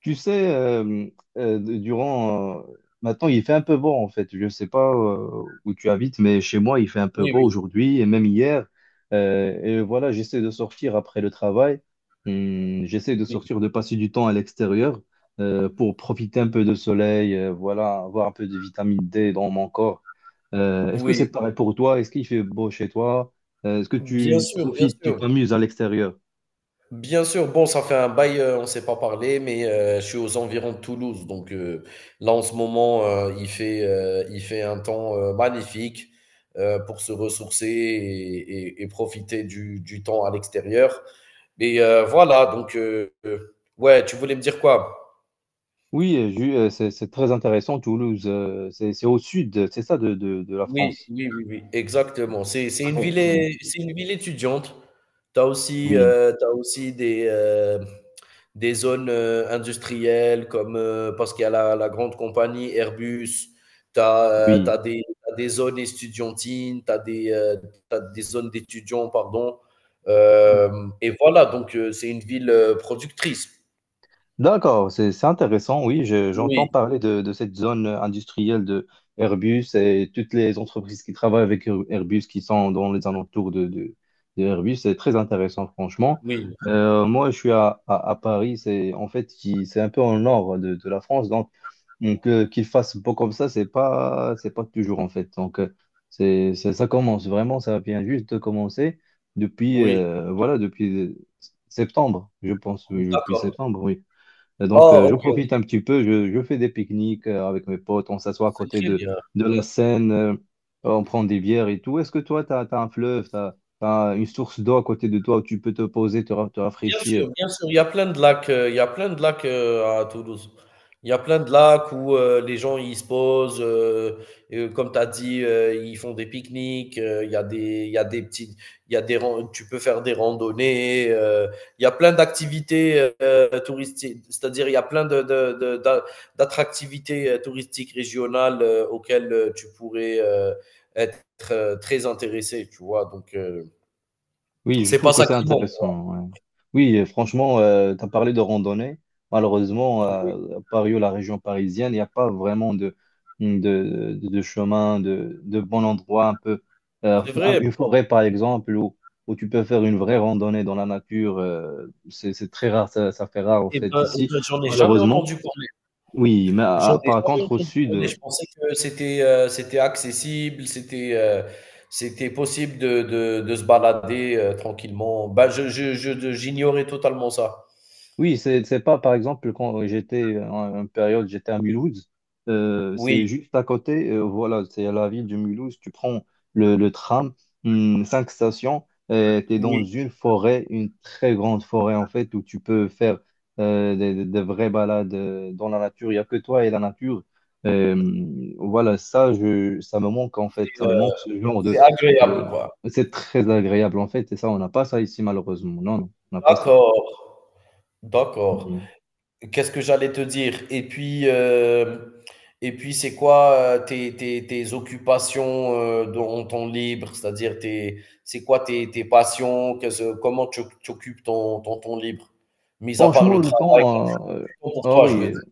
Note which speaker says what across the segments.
Speaker 1: Tu sais, euh, durant... euh, maintenant, il fait un peu beau, en fait. Je ne sais pas où tu habites, mais chez moi, il fait un peu
Speaker 2: Oui,
Speaker 1: beau
Speaker 2: oui,
Speaker 1: aujourd'hui et même hier. Et voilà, j'essaie de sortir après le travail. J'essaie de
Speaker 2: oui,
Speaker 1: sortir, de passer du temps à l'extérieur pour profiter un peu de soleil, voilà, avoir un peu de vitamine D dans mon corps. Est-ce que
Speaker 2: oui,
Speaker 1: c'est pareil pour toi? Est-ce qu'il fait beau chez toi? Est-ce que
Speaker 2: bien
Speaker 1: tu
Speaker 2: sûr, bien
Speaker 1: profites, tu
Speaker 2: sûr,
Speaker 1: t'amuses à l'extérieur?
Speaker 2: bien sûr. Bon, ça fait un bail, on ne s'est pas parlé, mais, je suis aux environs de Toulouse, donc, là en ce moment, il fait un temps, magnifique, pour se ressourcer et profiter du temps à l'extérieur. Mais, voilà donc, ouais, tu voulais me dire quoi?
Speaker 1: Oui, c'est très intéressant, Toulouse. C'est au sud, c'est ça, de la
Speaker 2: Oui,
Speaker 1: France.
Speaker 2: oui, oui, oui, exactement. C'est c'est une ville
Speaker 1: Oui,
Speaker 2: é c'est une ville étudiante.
Speaker 1: oui.
Speaker 2: Tu as aussi des zones industrielles comme parce qu'il y a la grande compagnie Airbus, tu as, des, t'as des zones étudiantines, tu as, des t'as des zones d'étudiants, pardon. Euh,
Speaker 1: Oui.
Speaker 2: et voilà, donc c'est une ville productrice.
Speaker 1: D'accord, c'est intéressant, oui, j'entends
Speaker 2: Oui,
Speaker 1: parler de cette zone industrielle de Airbus et toutes les entreprises qui travaillent avec Airbus qui sont dans les alentours de Airbus. C'est très intéressant, franchement.
Speaker 2: oui,
Speaker 1: Moi, je suis à Paris, c'est en fait c'est un peu en nord de la France, donc qu'il fasse beau comme ça, c'est pas toujours en fait. Ça commence vraiment, ça vient juste de commencer depuis
Speaker 2: oui,
Speaker 1: euh, voilà depuis euh, septembre, je pense, oui, depuis
Speaker 2: d'accord.
Speaker 1: septembre, oui. Et donc,
Speaker 2: Oh,
Speaker 1: je
Speaker 2: ok, ok,
Speaker 1: profite un petit peu, je fais des pique-niques avec mes potes, on s'assoit à
Speaker 2: c'est
Speaker 1: côté
Speaker 2: très
Speaker 1: de,
Speaker 2: bien.
Speaker 1: de la Seine, on prend des bières et tout. Est-ce que toi, tu as un fleuve, tu as une source d'eau à côté de toi où tu peux te poser, te rafraîchir?
Speaker 2: Bien sûr, il y a plein de lacs, il y a plein de lacs, à Toulouse. Il y a plein de lacs où, les gens ils se posent, comme tu as dit, ils font des pique-niques, il y a des petites il y a des ran tu peux faire des randonnées, il y a plein d'activités, touristiques. C'est-à-dire il y a plein de d'a d'attractivités, touristiques régionales, auxquelles, tu pourrais, être, très intéressé, tu vois? Donc
Speaker 1: Oui, je
Speaker 2: c'est
Speaker 1: trouve
Speaker 2: pas
Speaker 1: que
Speaker 2: ça
Speaker 1: c'est
Speaker 2: qui manque.
Speaker 1: intéressant. Ouais. Oui, franchement, tu as parlé de randonnée. Malheureusement,
Speaker 2: Oui,
Speaker 1: à Paris ou la région parisienne, il n'y a pas vraiment de chemin, de bon endroit, un peu. euh,
Speaker 2: c'est
Speaker 1: un-
Speaker 2: vrai.
Speaker 1: une forêt, par exemple, où tu peux faire une vraie randonnée dans la nature. C'est très rare, ça fait rare, en
Speaker 2: Eh
Speaker 1: fait,
Speaker 2: ben eh
Speaker 1: ici,
Speaker 2: ben, j'en ai jamais
Speaker 1: malheureusement.
Speaker 2: entendu parler.
Speaker 1: Oui, mais
Speaker 2: J'en ai
Speaker 1: par
Speaker 2: jamais
Speaker 1: contre, au
Speaker 2: entendu parler. Je
Speaker 1: sud.
Speaker 2: pensais que c'était, c'était accessible, c'était, c'était possible de se balader, tranquillement. Ben, je j'ignorais totalement ça.
Speaker 1: Oui, c'est pas, par exemple, quand j'étais en période, j'étais à Mulhouse,
Speaker 2: Oui,
Speaker 1: c'est juste à côté, voilà, c'est à la ville de Mulhouse, tu prends le tram, cinq stations, et tu es dans
Speaker 2: oui,
Speaker 1: une forêt, une très grande forêt en fait, où tu peux faire des vraies balades dans la nature, il n'y a que toi et la nature. Euh, voilà, ça, ça me manque en fait,
Speaker 2: c'est,
Speaker 1: ça me
Speaker 2: heu,
Speaker 1: manque ce genre
Speaker 2: c'est
Speaker 1: de,
Speaker 2: agréable,
Speaker 1: de...
Speaker 2: quoi.
Speaker 1: C'est très agréable en fait, et ça, on n'a pas ça ici, malheureusement. Non, non, on n'a pas ça.
Speaker 2: D'accord, d'accord. Qu'est-ce que j'allais te dire? Et puis c'est quoi tes, tes occupations dans ton libre? C'est-à-dire, tes, c'est quoi tes, tes passions? Qu'est-ce- comment tu occupes ton, ton temps libre? Mis à part
Speaker 1: Franchement,
Speaker 2: le
Speaker 1: le
Speaker 2: travail,
Speaker 1: temps,
Speaker 2: pour
Speaker 1: ah
Speaker 2: toi, je
Speaker 1: oui,
Speaker 2: veux dire.
Speaker 1: euh,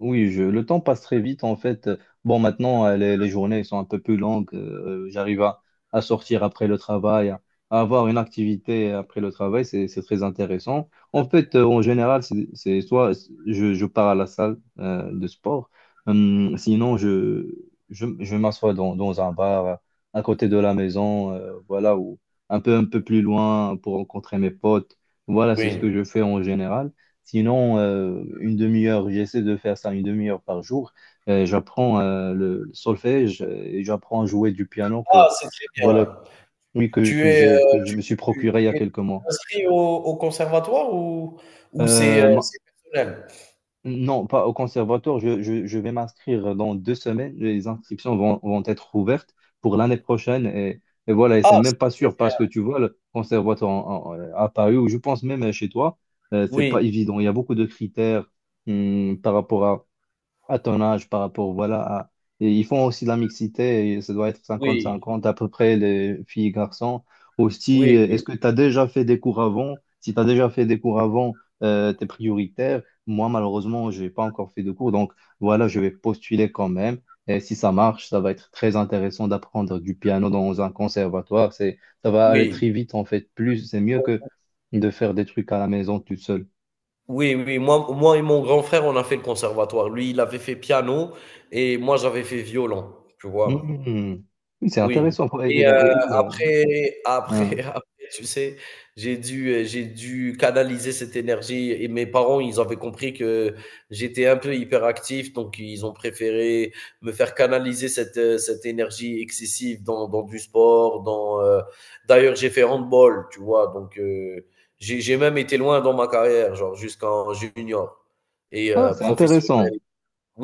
Speaker 1: oui, le temps passe très vite en fait. Bon, maintenant, les journées sont un peu plus longues. J'arrive à sortir après le travail, à avoir une activité après le travail. C'est très intéressant. En fait, en général, c'est soit je pars à la salle de sport, sinon je m'assois dans un bar à côté de la maison, voilà, ou un peu plus loin pour rencontrer mes potes. Voilà, c'est ce que
Speaker 2: Oui.
Speaker 1: je fais en général. Sinon, une demi-heure, j'essaie de faire ça une demi-heure par jour. J'apprends le solfège et j'apprends à jouer du piano que
Speaker 2: Ah, c'est très
Speaker 1: voilà,
Speaker 2: bien.
Speaker 1: oui,
Speaker 2: Tu
Speaker 1: que
Speaker 2: es,
Speaker 1: j'ai que je me suis procuré il y a
Speaker 2: tu es
Speaker 1: quelques mois.
Speaker 2: inscrit au, au conservatoire ou
Speaker 1: Euh, ma-
Speaker 2: c'est personnel?
Speaker 1: non, pas au conservatoire. Je vais m'inscrire dans 2 semaines. Les inscriptions vont être ouvertes pour l'année prochaine, et voilà. Et c'est
Speaker 2: Ah,
Speaker 1: même
Speaker 2: c'est
Speaker 1: pas
Speaker 2: très
Speaker 1: sûr parce
Speaker 2: bien.
Speaker 1: que tu vois le conservatoire à Paris, ou je pense même chez toi, c'est pas
Speaker 2: Oui,
Speaker 1: évident. Il y a beaucoup de critères, par rapport à ton âge, par rapport, voilà. Et ils font aussi de la mixité, et ça doit être cinquante
Speaker 2: oui,
Speaker 1: cinquante à peu près, les filles et garçons. Aussi,
Speaker 2: oui,
Speaker 1: est-ce que tu as déjà fait des cours avant? Si tu as déjà fait des cours avant, tu es prioritaire. Moi, malheureusement, je n'ai pas encore fait de cours, donc voilà, je vais postuler quand même. Et si ça marche, ça va être très intéressant d'apprendre du piano dans un conservatoire. Ça va aller
Speaker 2: oui,
Speaker 1: très vite, en fait. Plus, c'est mieux que
Speaker 2: oui.
Speaker 1: de faire des trucs à la maison tout seul.
Speaker 2: Oui, oui, moi, moi et mon grand frère, on a fait le conservatoire. Lui, il avait fait piano et moi, j'avais fait violon, tu vois.
Speaker 1: Mhm. Oui, c'est
Speaker 2: Oui,
Speaker 1: intéressant. Ouais,
Speaker 2: mais
Speaker 1: oui,
Speaker 2: après
Speaker 1: hein.
Speaker 2: après après, tu sais, j'ai dû canaliser cette énergie et mes parents, ils avaient compris que j'étais un peu hyperactif, donc ils ont préféré me faire canaliser cette, cette énergie excessive dans du sport, dans, d'ailleurs, j'ai fait handball, tu vois? Donc j'ai même été loin dans ma carrière, genre jusqu'en junior et
Speaker 1: Ah, c'est intéressant.
Speaker 2: professionnel.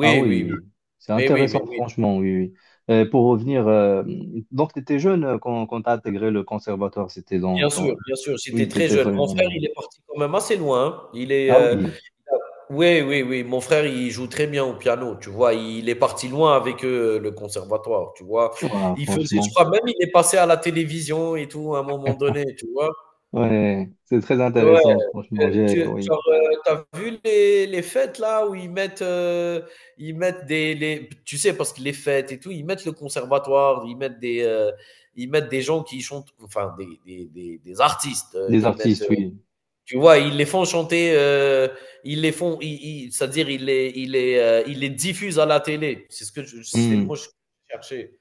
Speaker 1: Ah
Speaker 2: oui,
Speaker 1: oui,
Speaker 2: oui.
Speaker 1: c'est
Speaker 2: Mais oui, mais
Speaker 1: intéressant,
Speaker 2: oui.
Speaker 1: franchement, oui, oui. Pour revenir, donc tu étais jeune quand, tu as intégré le conservatoire, c'était dans ton...
Speaker 2: Bien sûr, j'étais
Speaker 1: Oui, tu
Speaker 2: très
Speaker 1: étais
Speaker 2: jeune.
Speaker 1: très,
Speaker 2: Mon frère,
Speaker 1: oui.
Speaker 2: il est parti quand même assez loin, hein. Il est,
Speaker 1: Ah oui.
Speaker 2: il a oui, oui, oui, mon frère, il joue très bien au piano, tu vois? Il est parti loin avec, le conservatoire, tu vois?
Speaker 1: Voilà,
Speaker 2: Il faisait je
Speaker 1: franchement.
Speaker 2: crois même il est passé à la télévision et tout, à un moment donné, tu vois?
Speaker 1: Ouais, c'est très
Speaker 2: Ouais,
Speaker 1: intéressant, franchement.
Speaker 2: tu
Speaker 1: Oui.
Speaker 2: genre, tu as vu les fêtes là où ils mettent des les tu sais, parce que les fêtes et tout, ils mettent le conservatoire, ils mettent des gens qui chantent, enfin des des artistes,
Speaker 1: Des artistes, oui.
Speaker 2: tu vois, ils les font chanter, ils les font ils ils c'est-à-dire ils les diffusent à la télé. C'est ce que je c'est le
Speaker 1: Hmm,
Speaker 2: mot que je cherchais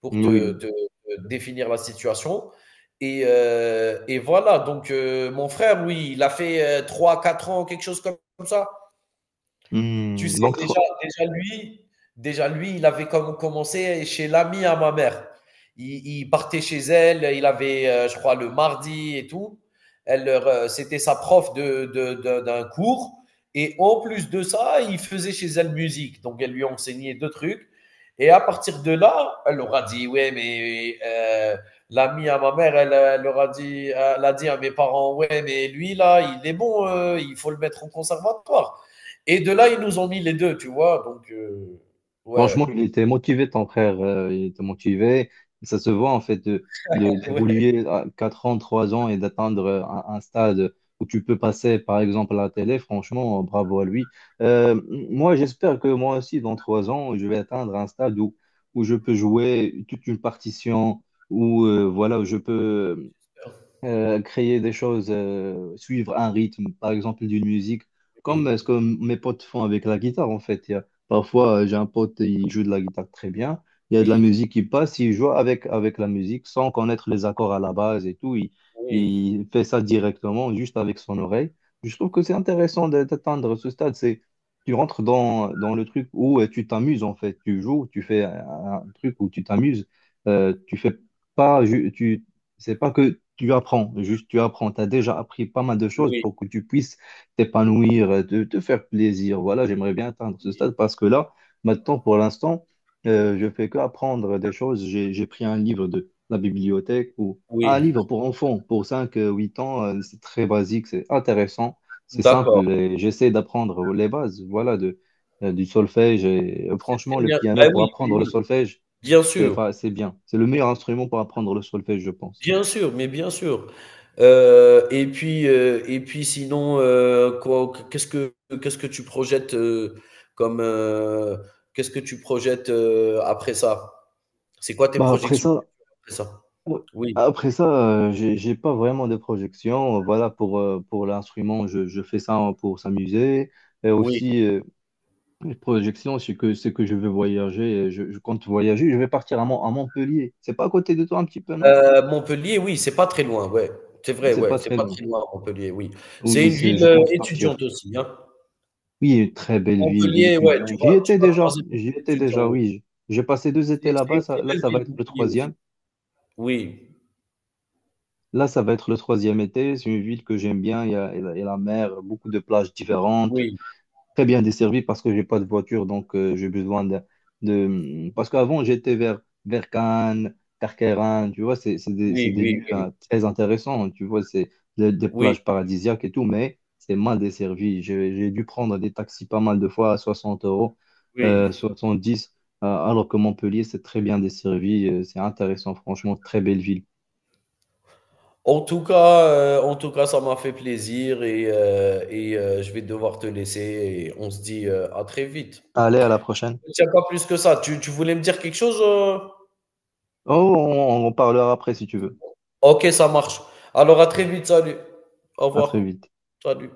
Speaker 2: pour te te
Speaker 1: oui.
Speaker 2: te définir la situation et voilà donc mon frère, lui, il a fait, trois, quatre ans, quelque chose comme ça. Tu
Speaker 1: Hmm.
Speaker 2: sais,
Speaker 1: Donc,
Speaker 2: déjà, déjà lui, il avait comme commencé chez l'ami à ma mère. Il partait chez elle, il avait, je crois, le mardi et tout. Elle, leur, c'était sa prof de d'un cours. Et en plus de ça, il faisait chez elle musique. Donc, elle lui enseignait deux trucs. Et à partir de là, elle leur a dit, ouais, mais l'ami à ma mère, elle, elle leur a dit, elle a dit à mes parents, ouais, mais lui, là, il est bon, il faut le mettre au conservatoire. Et de là, ils nous ont mis les 2, tu vois? Donc, ouais,
Speaker 1: franchement, il était motivé, ton frère. Il était motivé. Ça se voit, en fait,
Speaker 2: ouais,
Speaker 1: d'évoluer à 4 ans, 3 ans, et d'atteindre un stade où tu peux passer, par exemple, à la télé. Franchement, bravo à lui. Euh, moi, j'espère que moi aussi, dans 3 ans, je vais atteindre un stade où, où je peux jouer toute une partition, où, voilà, où je peux créer des choses, suivre un rythme, par exemple d'une musique, comme
Speaker 2: oui,
Speaker 1: ce que mes potes font avec la guitare en fait. Parfois, j'ai un pote, il joue de la guitare très bien, il y a de la
Speaker 2: oui,
Speaker 1: musique qui passe, il joue avec la musique sans connaître les accords à la base et tout, il,
Speaker 2: oui,
Speaker 1: il fait ça directement, juste avec son oreille. Je trouve que c'est intéressant d'atteindre ce stade. C'est Tu rentres dans le truc où tu t'amuses en fait, tu joues, tu fais un truc où tu t'amuses. Tu fais pas, ju- tu c'est pas que tu apprends, juste tu apprends. Tu as déjà appris pas mal de choses
Speaker 2: oui,
Speaker 1: pour que tu puisses t'épanouir, te faire plaisir. Voilà, j'aimerais bien atteindre ce
Speaker 2: oui,
Speaker 1: stade, parce que là, maintenant, pour l'instant, je fais que apprendre des choses. J'ai pris un livre de la bibliothèque, ou un
Speaker 2: oui,
Speaker 1: livre pour enfants, pour 5 8 ans. C'est très basique, c'est intéressant, c'est simple.
Speaker 2: d'accord.
Speaker 1: Et j'essaie d'apprendre les bases, voilà, du solfège. Et,
Speaker 2: C'est
Speaker 1: franchement,
Speaker 2: très
Speaker 1: le
Speaker 2: bien.
Speaker 1: piano
Speaker 2: Bah,
Speaker 1: pour
Speaker 2: oui, mais
Speaker 1: apprendre le
Speaker 2: oui,
Speaker 1: solfège,
Speaker 2: bien sûr,
Speaker 1: c'est bien. C'est le meilleur instrument pour apprendre le solfège, je pense.
Speaker 2: bien sûr, mais bien sûr. Et puis, et puis sinon, qu'est-ce que tu projettes, comme, qu'est-ce que tu projettes, après ça? C'est quoi tes
Speaker 1: Bah, après
Speaker 2: projections
Speaker 1: ça,
Speaker 2: après ça?
Speaker 1: ouais.
Speaker 2: Oui,
Speaker 1: Après ça, j'ai pas vraiment de projection. Voilà, pour l'instrument, je fais ça pour s'amuser. Et
Speaker 2: oui.
Speaker 1: aussi, les projections, c'est que je veux voyager. Et je compte voyager. Je vais partir à Montpellier. C'est pas à côté de toi un petit peu, non?
Speaker 2: Montpellier, oui, c'est pas très loin, ouais. C'est vrai,
Speaker 1: C'est
Speaker 2: ouais,
Speaker 1: pas
Speaker 2: c'est
Speaker 1: très
Speaker 2: pas
Speaker 1: loin.
Speaker 2: très loin Montpellier, oui. C'est
Speaker 1: Oui,
Speaker 2: une ville,
Speaker 1: je compte
Speaker 2: étudiante
Speaker 1: partir.
Speaker 2: aussi, hein.
Speaker 1: Oui, une très belle ville, ville
Speaker 2: Montpellier, ouais,
Speaker 1: étudiante. J'y
Speaker 2: tu
Speaker 1: étais
Speaker 2: vas
Speaker 1: déjà.
Speaker 2: croiser beaucoup
Speaker 1: J'y étais déjà,
Speaker 2: d'étudiants, oui.
Speaker 1: oui. J'ai passé 2 étés
Speaker 2: C'est
Speaker 1: là-bas.
Speaker 2: une très
Speaker 1: Là,
Speaker 2: belle
Speaker 1: ça va
Speaker 2: ville
Speaker 1: être le
Speaker 2: Montpellier
Speaker 1: troisième.
Speaker 2: aussi. Oui,
Speaker 1: Là, ça va être le troisième été. C'est une ville que j'aime bien. Il y a la mer, beaucoup de plages différentes,
Speaker 2: oui,
Speaker 1: très bien desservie, parce que j'ai pas de voiture, donc j'ai besoin de... Parce qu'avant, j'étais vers Cannes, Carqueiranne, tu vois, c'est
Speaker 2: oui,
Speaker 1: des
Speaker 2: oui,
Speaker 1: lieux,
Speaker 2: oui,
Speaker 1: hein, très intéressants, tu vois, c'est des
Speaker 2: oui,
Speaker 1: plages paradisiaques et tout, mais c'est mal desservi. J'ai dû prendre des taxis pas mal de fois à 60 euros, euh,
Speaker 2: oui.
Speaker 1: dix alors que Montpellier, c'est très bien desservi, c'est intéressant, franchement, très belle ville.
Speaker 2: En tout cas, en tout cas, ça m'a fait plaisir et je vais devoir te laisser et on se dit, à très vite.
Speaker 1: Allez, à la
Speaker 2: Je te
Speaker 1: prochaine.
Speaker 2: retiens pas plus que ça. Tu voulais me dire quelque chose,
Speaker 1: Oh, on en parlera après si tu veux.
Speaker 2: OK, ça marche. Alors à très vite, salut. Au
Speaker 1: À très
Speaker 2: revoir.
Speaker 1: vite.
Speaker 2: Salut.